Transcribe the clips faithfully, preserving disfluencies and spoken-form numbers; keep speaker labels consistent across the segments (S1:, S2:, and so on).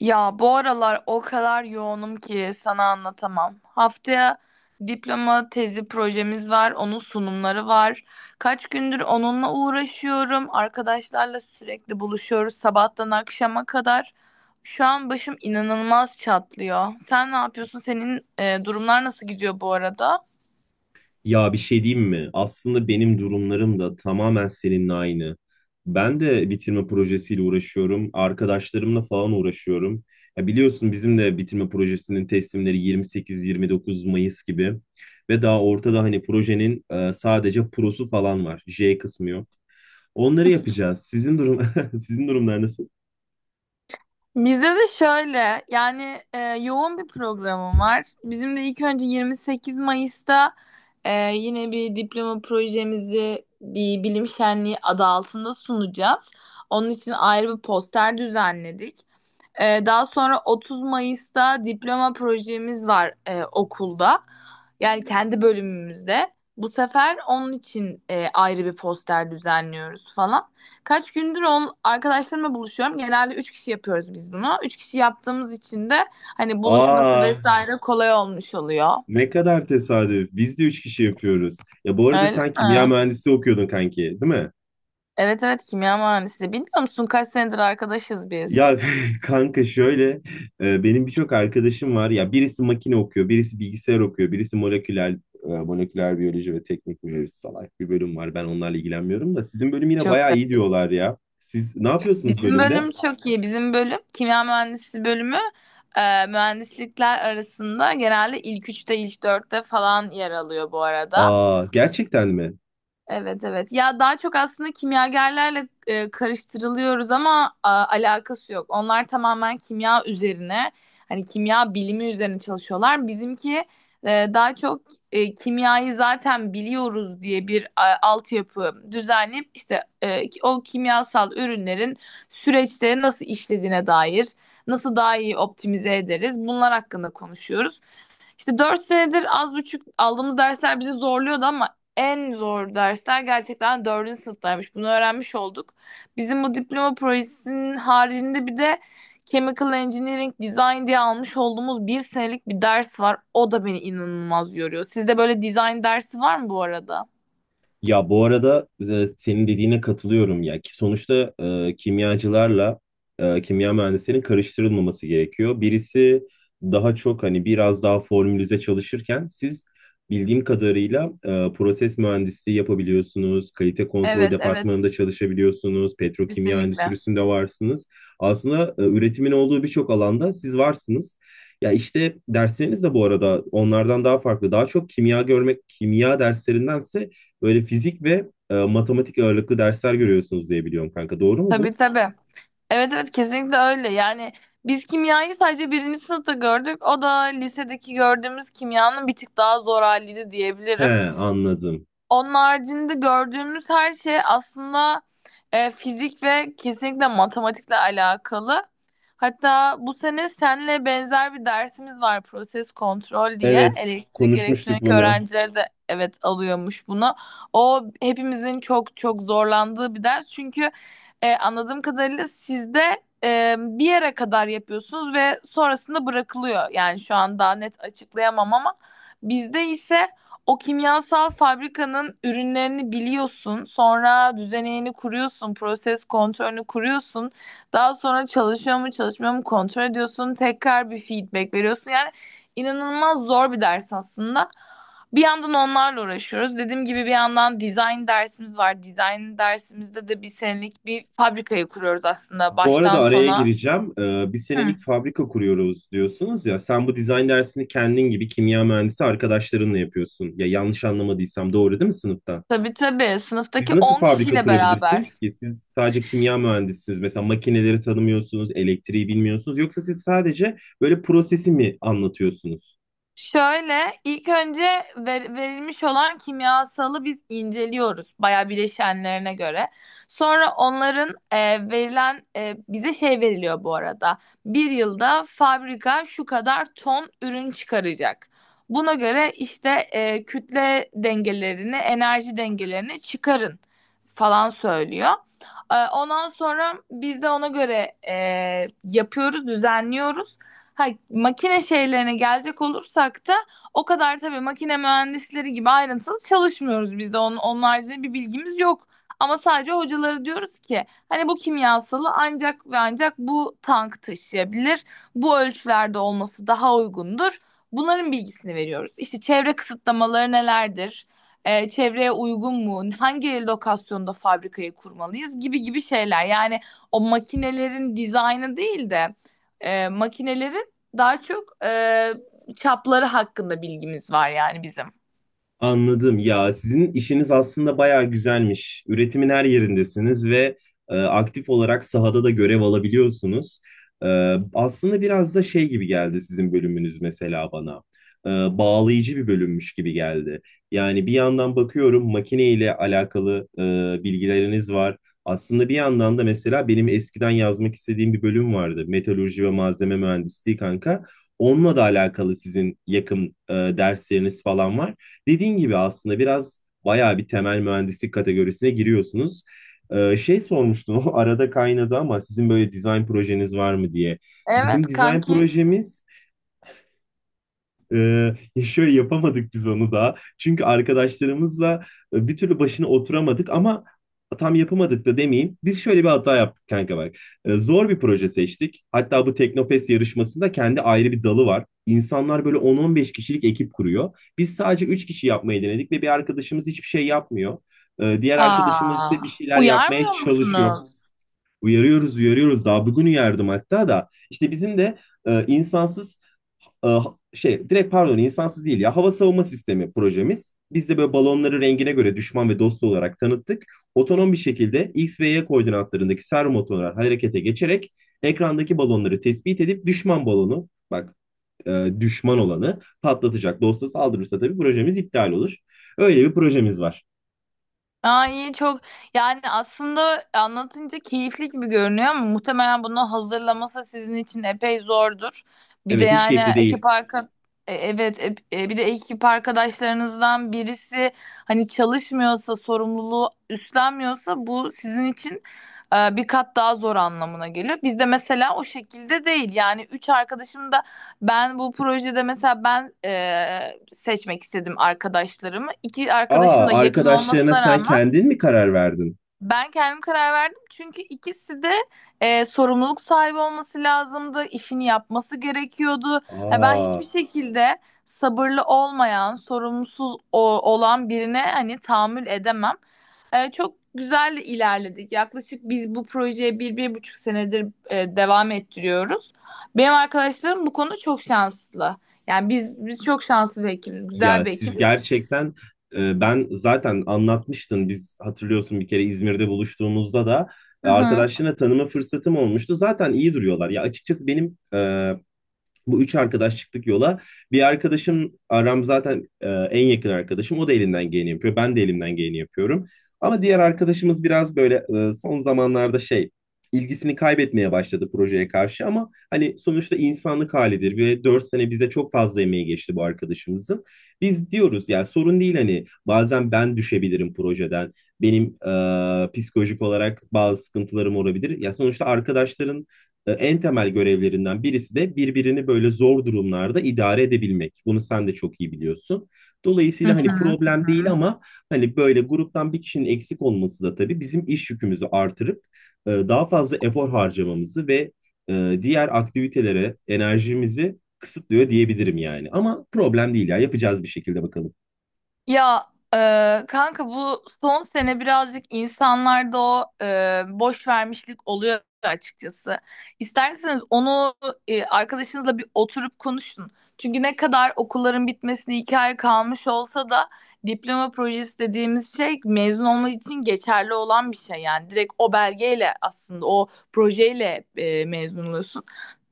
S1: Ya bu aralar o kadar yoğunum ki sana anlatamam. Haftaya diploma tezi projemiz var, onun sunumları var. Kaç gündür onunla uğraşıyorum. Arkadaşlarla sürekli buluşuyoruz sabahtan akşama kadar. Şu an başım inanılmaz çatlıyor. Sen ne yapıyorsun? Senin e, durumlar nasıl gidiyor bu arada?
S2: Ya bir şey diyeyim mi? Aslında benim durumlarım da tamamen seninle aynı. Ben de bitirme projesiyle uğraşıyorum. Arkadaşlarımla falan uğraşıyorum. Ya biliyorsun bizim de bitirme projesinin teslimleri yirmi sekiz yirmi dokuz Mayıs gibi. Ve daha ortada hani projenin e, sadece prosu falan var. J kısmı yok. Onları yapacağız. Sizin durum sizin durumlar nasıl?
S1: Bizde de şöyle yani e, yoğun bir programım var. Bizim de ilk önce yirmi sekiz Mayıs'ta e, yine bir diploma projemizi bir bilim şenliği adı altında sunacağız. Onun için ayrı bir poster düzenledik. Ee, daha sonra otuz Mayıs'ta diploma projemiz var e, okulda. Yani kendi bölümümüzde. Bu sefer onun için e, ayrı bir poster düzenliyoruz falan. Kaç gündür on, arkadaşlarımla buluşuyorum. Genelde üç kişi yapıyoruz biz bunu. Üç kişi yaptığımız için de hani buluşması
S2: Aa,
S1: vesaire kolay olmuş oluyor.
S2: ne kadar tesadüf. Biz de üç kişi yapıyoruz. Ya bu arada
S1: Öyle
S2: sen kimya
S1: mi?
S2: mühendisi okuyordun kanki, değil mi?
S1: Evet evet, kimya mühendisliği. Bilmiyor musun kaç senedir arkadaşız biz?
S2: Ya kanka şöyle e, benim birçok arkadaşım var ya birisi makine okuyor birisi bilgisayar okuyor birisi moleküler e, moleküler biyoloji ve teknik biyoloji salak bir bölüm var ben onlarla ilgilenmiyorum da sizin bölüm yine
S1: Çok
S2: bayağı iyi diyorlar ya siz ne yapıyorsunuz
S1: Bizim
S2: bölümde?
S1: bölüm çok iyi. Bizim bölüm kimya mühendisliği bölümü e, mühendislikler arasında genelde ilk üçte ilk dörtte falan yer alıyor bu arada.
S2: Aa gerçekten mi?
S1: Evet evet. Ya daha çok aslında kimyagerlerle e, karıştırılıyoruz ama a, alakası yok. Onlar tamamen kimya üzerine, hani kimya bilimi üzerine çalışıyorlar. Bizimki e, daha çok e, kimyayı zaten biliyoruz diye bir a, altyapı düzenleyip işte e, ki- o kimyasal ürünlerin süreçte nasıl işlediğine dair, nasıl daha iyi optimize ederiz bunlar hakkında konuşuyoruz. İşte dört senedir az buçuk aldığımız dersler bizi zorluyordu ama en zor dersler gerçekten dördüncü sınıftaymış. Bunu öğrenmiş olduk. Bizim bu diploma projesinin haricinde bir de Chemical Engineering Design diye almış olduğumuz bir senelik bir ders var. O da beni inanılmaz yoruyor. Sizde böyle design dersi var mı bu arada?
S2: Ya bu arada e, senin dediğine katılıyorum ya ki sonuçta e, kimyacılarla e, kimya mühendislerinin karıştırılmaması gerekiyor. Birisi daha çok hani biraz daha formülize çalışırken siz bildiğim kadarıyla e, proses mühendisliği yapabiliyorsunuz, kalite kontrol
S1: Evet, evet,
S2: departmanında çalışabiliyorsunuz, petrokimya
S1: kesinlikle.
S2: endüstrisinde varsınız. Aslında e, üretimin olduğu birçok alanda siz varsınız. Ya işte dersleriniz de bu arada onlardan daha farklı. Daha çok kimya görmek, kimya derslerindense böyle fizik ve e, matematik ağırlıklı dersler görüyorsunuz diye biliyorum kanka. Doğru mu
S1: Tabii
S2: bu?
S1: tabii. Evet evet, kesinlikle öyle. Yani biz kimyayı sadece birinci sınıfta gördük. O da lisedeki gördüğümüz kimyanın bir tık daha zor haliydi
S2: He,
S1: diyebilirim.
S2: anladım.
S1: Onun haricinde gördüğümüz her şey aslında e, fizik ve kesinlikle matematikle alakalı. Hatta bu sene senle benzer bir dersimiz var proses kontrol diye.
S2: Evet,
S1: Elektrik
S2: konuşmuştuk
S1: elektronik
S2: bunu.
S1: öğrencileri de evet alıyormuş bunu. O hepimizin çok çok zorlandığı bir ders. Çünkü e, anladığım kadarıyla sizde e, bir yere kadar yapıyorsunuz ve sonrasında bırakılıyor. Yani şu an daha net açıklayamam ama bizde ise o kimyasal fabrikanın ürünlerini biliyorsun, sonra düzeneğini kuruyorsun, proses kontrolünü kuruyorsun. Daha sonra çalışıyor mu, çalışmıyor mu kontrol ediyorsun, tekrar bir feedback veriyorsun. Yani inanılmaz zor bir ders aslında. Bir yandan onlarla uğraşıyoruz. Dediğim gibi bir yandan design dersimiz var. Design dersimizde de bir senelik bir fabrikayı kuruyoruz aslında
S2: Bu
S1: baştan
S2: arada araya
S1: sona.
S2: gireceğim. E, bir
S1: Hı.
S2: senelik fabrika kuruyoruz diyorsunuz ya. Sen bu dizayn dersini kendin gibi kimya mühendisi arkadaşlarınla yapıyorsun. Ya yanlış anlamadıysam doğru değil mi sınıfta?
S1: Tabii tabii,
S2: Siz
S1: sınıftaki
S2: nasıl
S1: on
S2: fabrika
S1: kişiyle beraber.
S2: kurabilirsiniz ki? Siz sadece kimya mühendisisiniz. Mesela makineleri tanımıyorsunuz, elektriği bilmiyorsunuz. Yoksa siz sadece böyle prosesi mi anlatıyorsunuz?
S1: Şöyle ilk önce ver- verilmiş olan kimyasalı biz inceliyoruz bayağı bileşenlerine göre. Sonra onların e, verilen e, bize şey veriliyor bu arada. Bir yılda fabrika şu kadar ton ürün çıkaracak. Buna göre işte e, kütle dengelerini, enerji dengelerini çıkarın falan söylüyor. Ee, Ondan sonra biz de ona göre e, yapıyoruz, düzenliyoruz. Ha, makine şeylerine gelecek olursak da o kadar tabii makine mühendisleri gibi ayrıntılı çalışmıyoruz biz de. Onun, onun haricinde bir bilgimiz yok. Ama sadece hocaları diyoruz ki hani bu kimyasalı ancak ve ancak bu tank taşıyabilir. Bu ölçülerde olması daha uygundur. Bunların bilgisini veriyoruz. İşte çevre kısıtlamaları nelerdir? E, çevreye uygun mu, hangi lokasyonda fabrikayı kurmalıyız gibi gibi şeyler. Yani o makinelerin dizaynı değil de e, makinelerin daha çok e, çapları hakkında bilgimiz var yani bizim.
S2: Anladım. Ya sizin işiniz aslında bayağı güzelmiş. Üretimin her yerindesiniz ve e, aktif olarak sahada da görev alabiliyorsunuz. E, Aslında biraz da şey gibi geldi sizin bölümünüz mesela bana. E, Bağlayıcı bir bölümmüş gibi geldi. Yani bir yandan bakıyorum makine ile alakalı e, bilgileriniz var. Aslında bir yandan da mesela benim eskiden yazmak istediğim bir bölüm vardı. Meteoroloji ve malzeme mühendisliği kanka. Onunla da alakalı sizin yakın e, dersleriniz falan var. Dediğin gibi aslında biraz bayağı bir temel mühendislik kategorisine giriyorsunuz. Ee, şey sormuştum, o arada kaynadı ama sizin böyle dizayn projeniz var mı diye. Bizim
S1: Evet
S2: dizayn
S1: kanki.
S2: projemiz ee, ya şöyle yapamadık biz onu da. Çünkü arkadaşlarımızla e, bir türlü başına oturamadık ama tam yapamadık da demeyeyim. Biz şöyle bir hata yaptık kanka bak. Ee, zor bir proje seçtik. Hatta bu Teknofest yarışmasında kendi ayrı bir dalı var. İnsanlar böyle on on beş kişilik ekip kuruyor. Biz sadece üç kişi yapmayı denedik ve bir arkadaşımız hiçbir şey yapmıyor. Ee, diğer arkadaşımız
S1: Aa,
S2: ise bir şeyler yapmaya
S1: uyarmıyor
S2: çalışıyor.
S1: musunuz?
S2: Uyarıyoruz, uyarıyoruz. Daha bugün uyardım hatta da. İşte bizim de e, insansız e, şey direkt pardon insansız değil ya hava savunma sistemi projemiz. Biz de böyle balonları rengine göre düşman ve dost olarak tanıttık. Otonom bir şekilde X ve Y koordinatlarındaki servo motorlar harekete geçerek ekrandaki balonları tespit edip düşman balonu bak e, düşman olanı patlatacak. Dosta saldırırsa tabii projemiz iptal olur. Öyle bir projemiz var.
S1: Aa, iyi çok, yani aslında anlatınca keyifli gibi görünüyor ama muhtemelen bunu hazırlaması sizin için epey zordur. Bir de
S2: Evet hiç
S1: yani
S2: keyifli değil.
S1: ekip arka e, evet ep- e, Bir de ekip arkadaşlarınızdan birisi hani çalışmıyorsa sorumluluğu üstlenmiyorsa bu sizin için e, bir kat daha zor anlamına geliyor. Bizde mesela o şekilde değil yani üç arkadaşım da ben bu projede mesela ben e, seçmek istedim arkadaşlarımı. İki arkadaşım
S2: Aa,
S1: da yakın
S2: arkadaşlarına
S1: olmasına
S2: sen
S1: rağmen
S2: kendin mi karar verdin?
S1: ben kendim karar verdim çünkü ikisi de e, sorumluluk sahibi olması lazımdı, işini yapması gerekiyordu. Ha, ben
S2: Aa,
S1: hiçbir şekilde sabırlı olmayan, sorumsuz o- olan birine hani tahammül edemem. E, çok güzel de ilerledik. Yaklaşık biz bu projeye bir, bir buçuk senedir e, devam ettiriyoruz. Benim arkadaşlarım bu konuda çok şanslı. Yani biz biz çok şanslı bir ekibiz, güzel
S2: ya
S1: bir
S2: siz
S1: ekibiz.
S2: gerçekten e, ben zaten anlatmıştım biz hatırlıyorsun bir kere İzmir'de buluştuğumuzda da
S1: Hı
S2: e,
S1: hı.
S2: arkadaşlarına tanıma fırsatım olmuştu. Zaten iyi duruyorlar. Ya açıkçası benim e, bu üç arkadaş çıktık yola. Bir arkadaşım Aram zaten e, en yakın arkadaşım. O da elinden geleni yapıyor. Ben de elimden geleni yapıyorum. Ama diğer arkadaşımız biraz böyle e, son zamanlarda şey ilgisini kaybetmeye başladı projeye karşı ama hani sonuçta insanlık halidir ve dört sene bize çok fazla emeği geçti bu arkadaşımızın. Biz diyoruz yani sorun değil hani bazen ben düşebilirim projeden. Benim e, psikolojik olarak bazı sıkıntılarım olabilir. Ya sonuçta arkadaşların e, en temel görevlerinden birisi de birbirini böyle zor durumlarda idare edebilmek. Bunu sen de çok iyi biliyorsun.
S1: Hı
S2: Dolayısıyla hani
S1: hı.
S2: problem değil ama hani böyle gruptan bir kişinin eksik olması da tabii bizim iş yükümüzü artırıp e, daha fazla efor harcamamızı ve e, diğer aktivitelere enerjimizi kısıtlıyor diyebilirim yani. Ama problem değil ya yapacağız bir şekilde bakalım.
S1: Ya e, Kanka, bu son sene birazcık insanlarda o e, boş vermişlik oluyor açıkçası. İsterseniz onu e, arkadaşınızla bir oturup konuşun. Çünkü ne kadar okulların bitmesine iki ay kalmış olsa da diploma projesi dediğimiz şey mezun olmak için geçerli olan bir şey. Yani direkt o belgeyle aslında o projeyle e, mezun oluyorsun.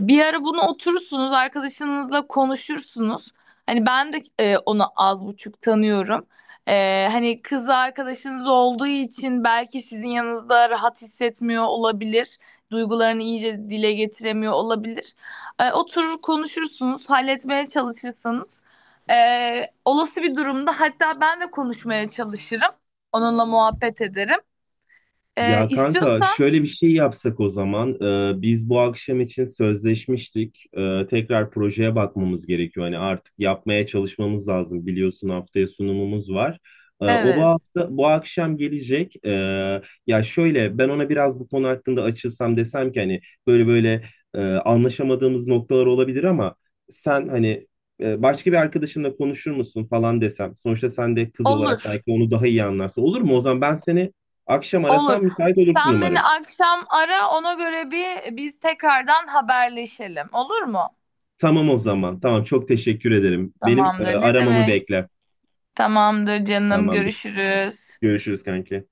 S1: Bir ara bunu oturursunuz arkadaşınızla konuşursunuz. Hani ben de e, onu az buçuk tanıyorum. E, hani kız arkadaşınız olduğu için belki sizin yanınızda rahat hissetmiyor olabilir. Duygularını iyice dile getiremiyor olabilir. E, oturur konuşursunuz, halletmeye çalışırsanız, e, olası bir durumda hatta ben de konuşmaya çalışırım. Onunla muhabbet ederim. E,
S2: Ya kanka
S1: istiyorsan
S2: şöyle bir şey yapsak o zaman. Ee, biz bu akşam için sözleşmiştik. Ee, tekrar projeye bakmamız gerekiyor. Hani artık yapmaya çalışmamız lazım. Biliyorsun haftaya sunumumuz var. Ee, o bu
S1: evet,
S2: hafta bu akşam gelecek. Ee, ya şöyle ben ona biraz bu konu hakkında açılsam desem ki hani böyle böyle e, anlaşamadığımız noktalar olabilir ama sen hani e, başka bir arkadaşınla konuşur musun falan desem. Sonuçta sen de kız olarak
S1: olur
S2: belki onu daha iyi anlarsın. Olur mu? O zaman ben seni akşam
S1: olur.
S2: arasam müsait olursun
S1: Sen beni
S2: umarım.
S1: akşam ara, ona göre bir biz tekrardan haberleşelim, olur mu?
S2: Tamam o zaman. Tamam çok teşekkür ederim. Benim e,
S1: Tamamdır. Ne
S2: aramamı
S1: demek?
S2: bekle.
S1: Tamamdır canım.
S2: Tamamdır.
S1: Görüşürüz.
S2: Görüşürüz kanki.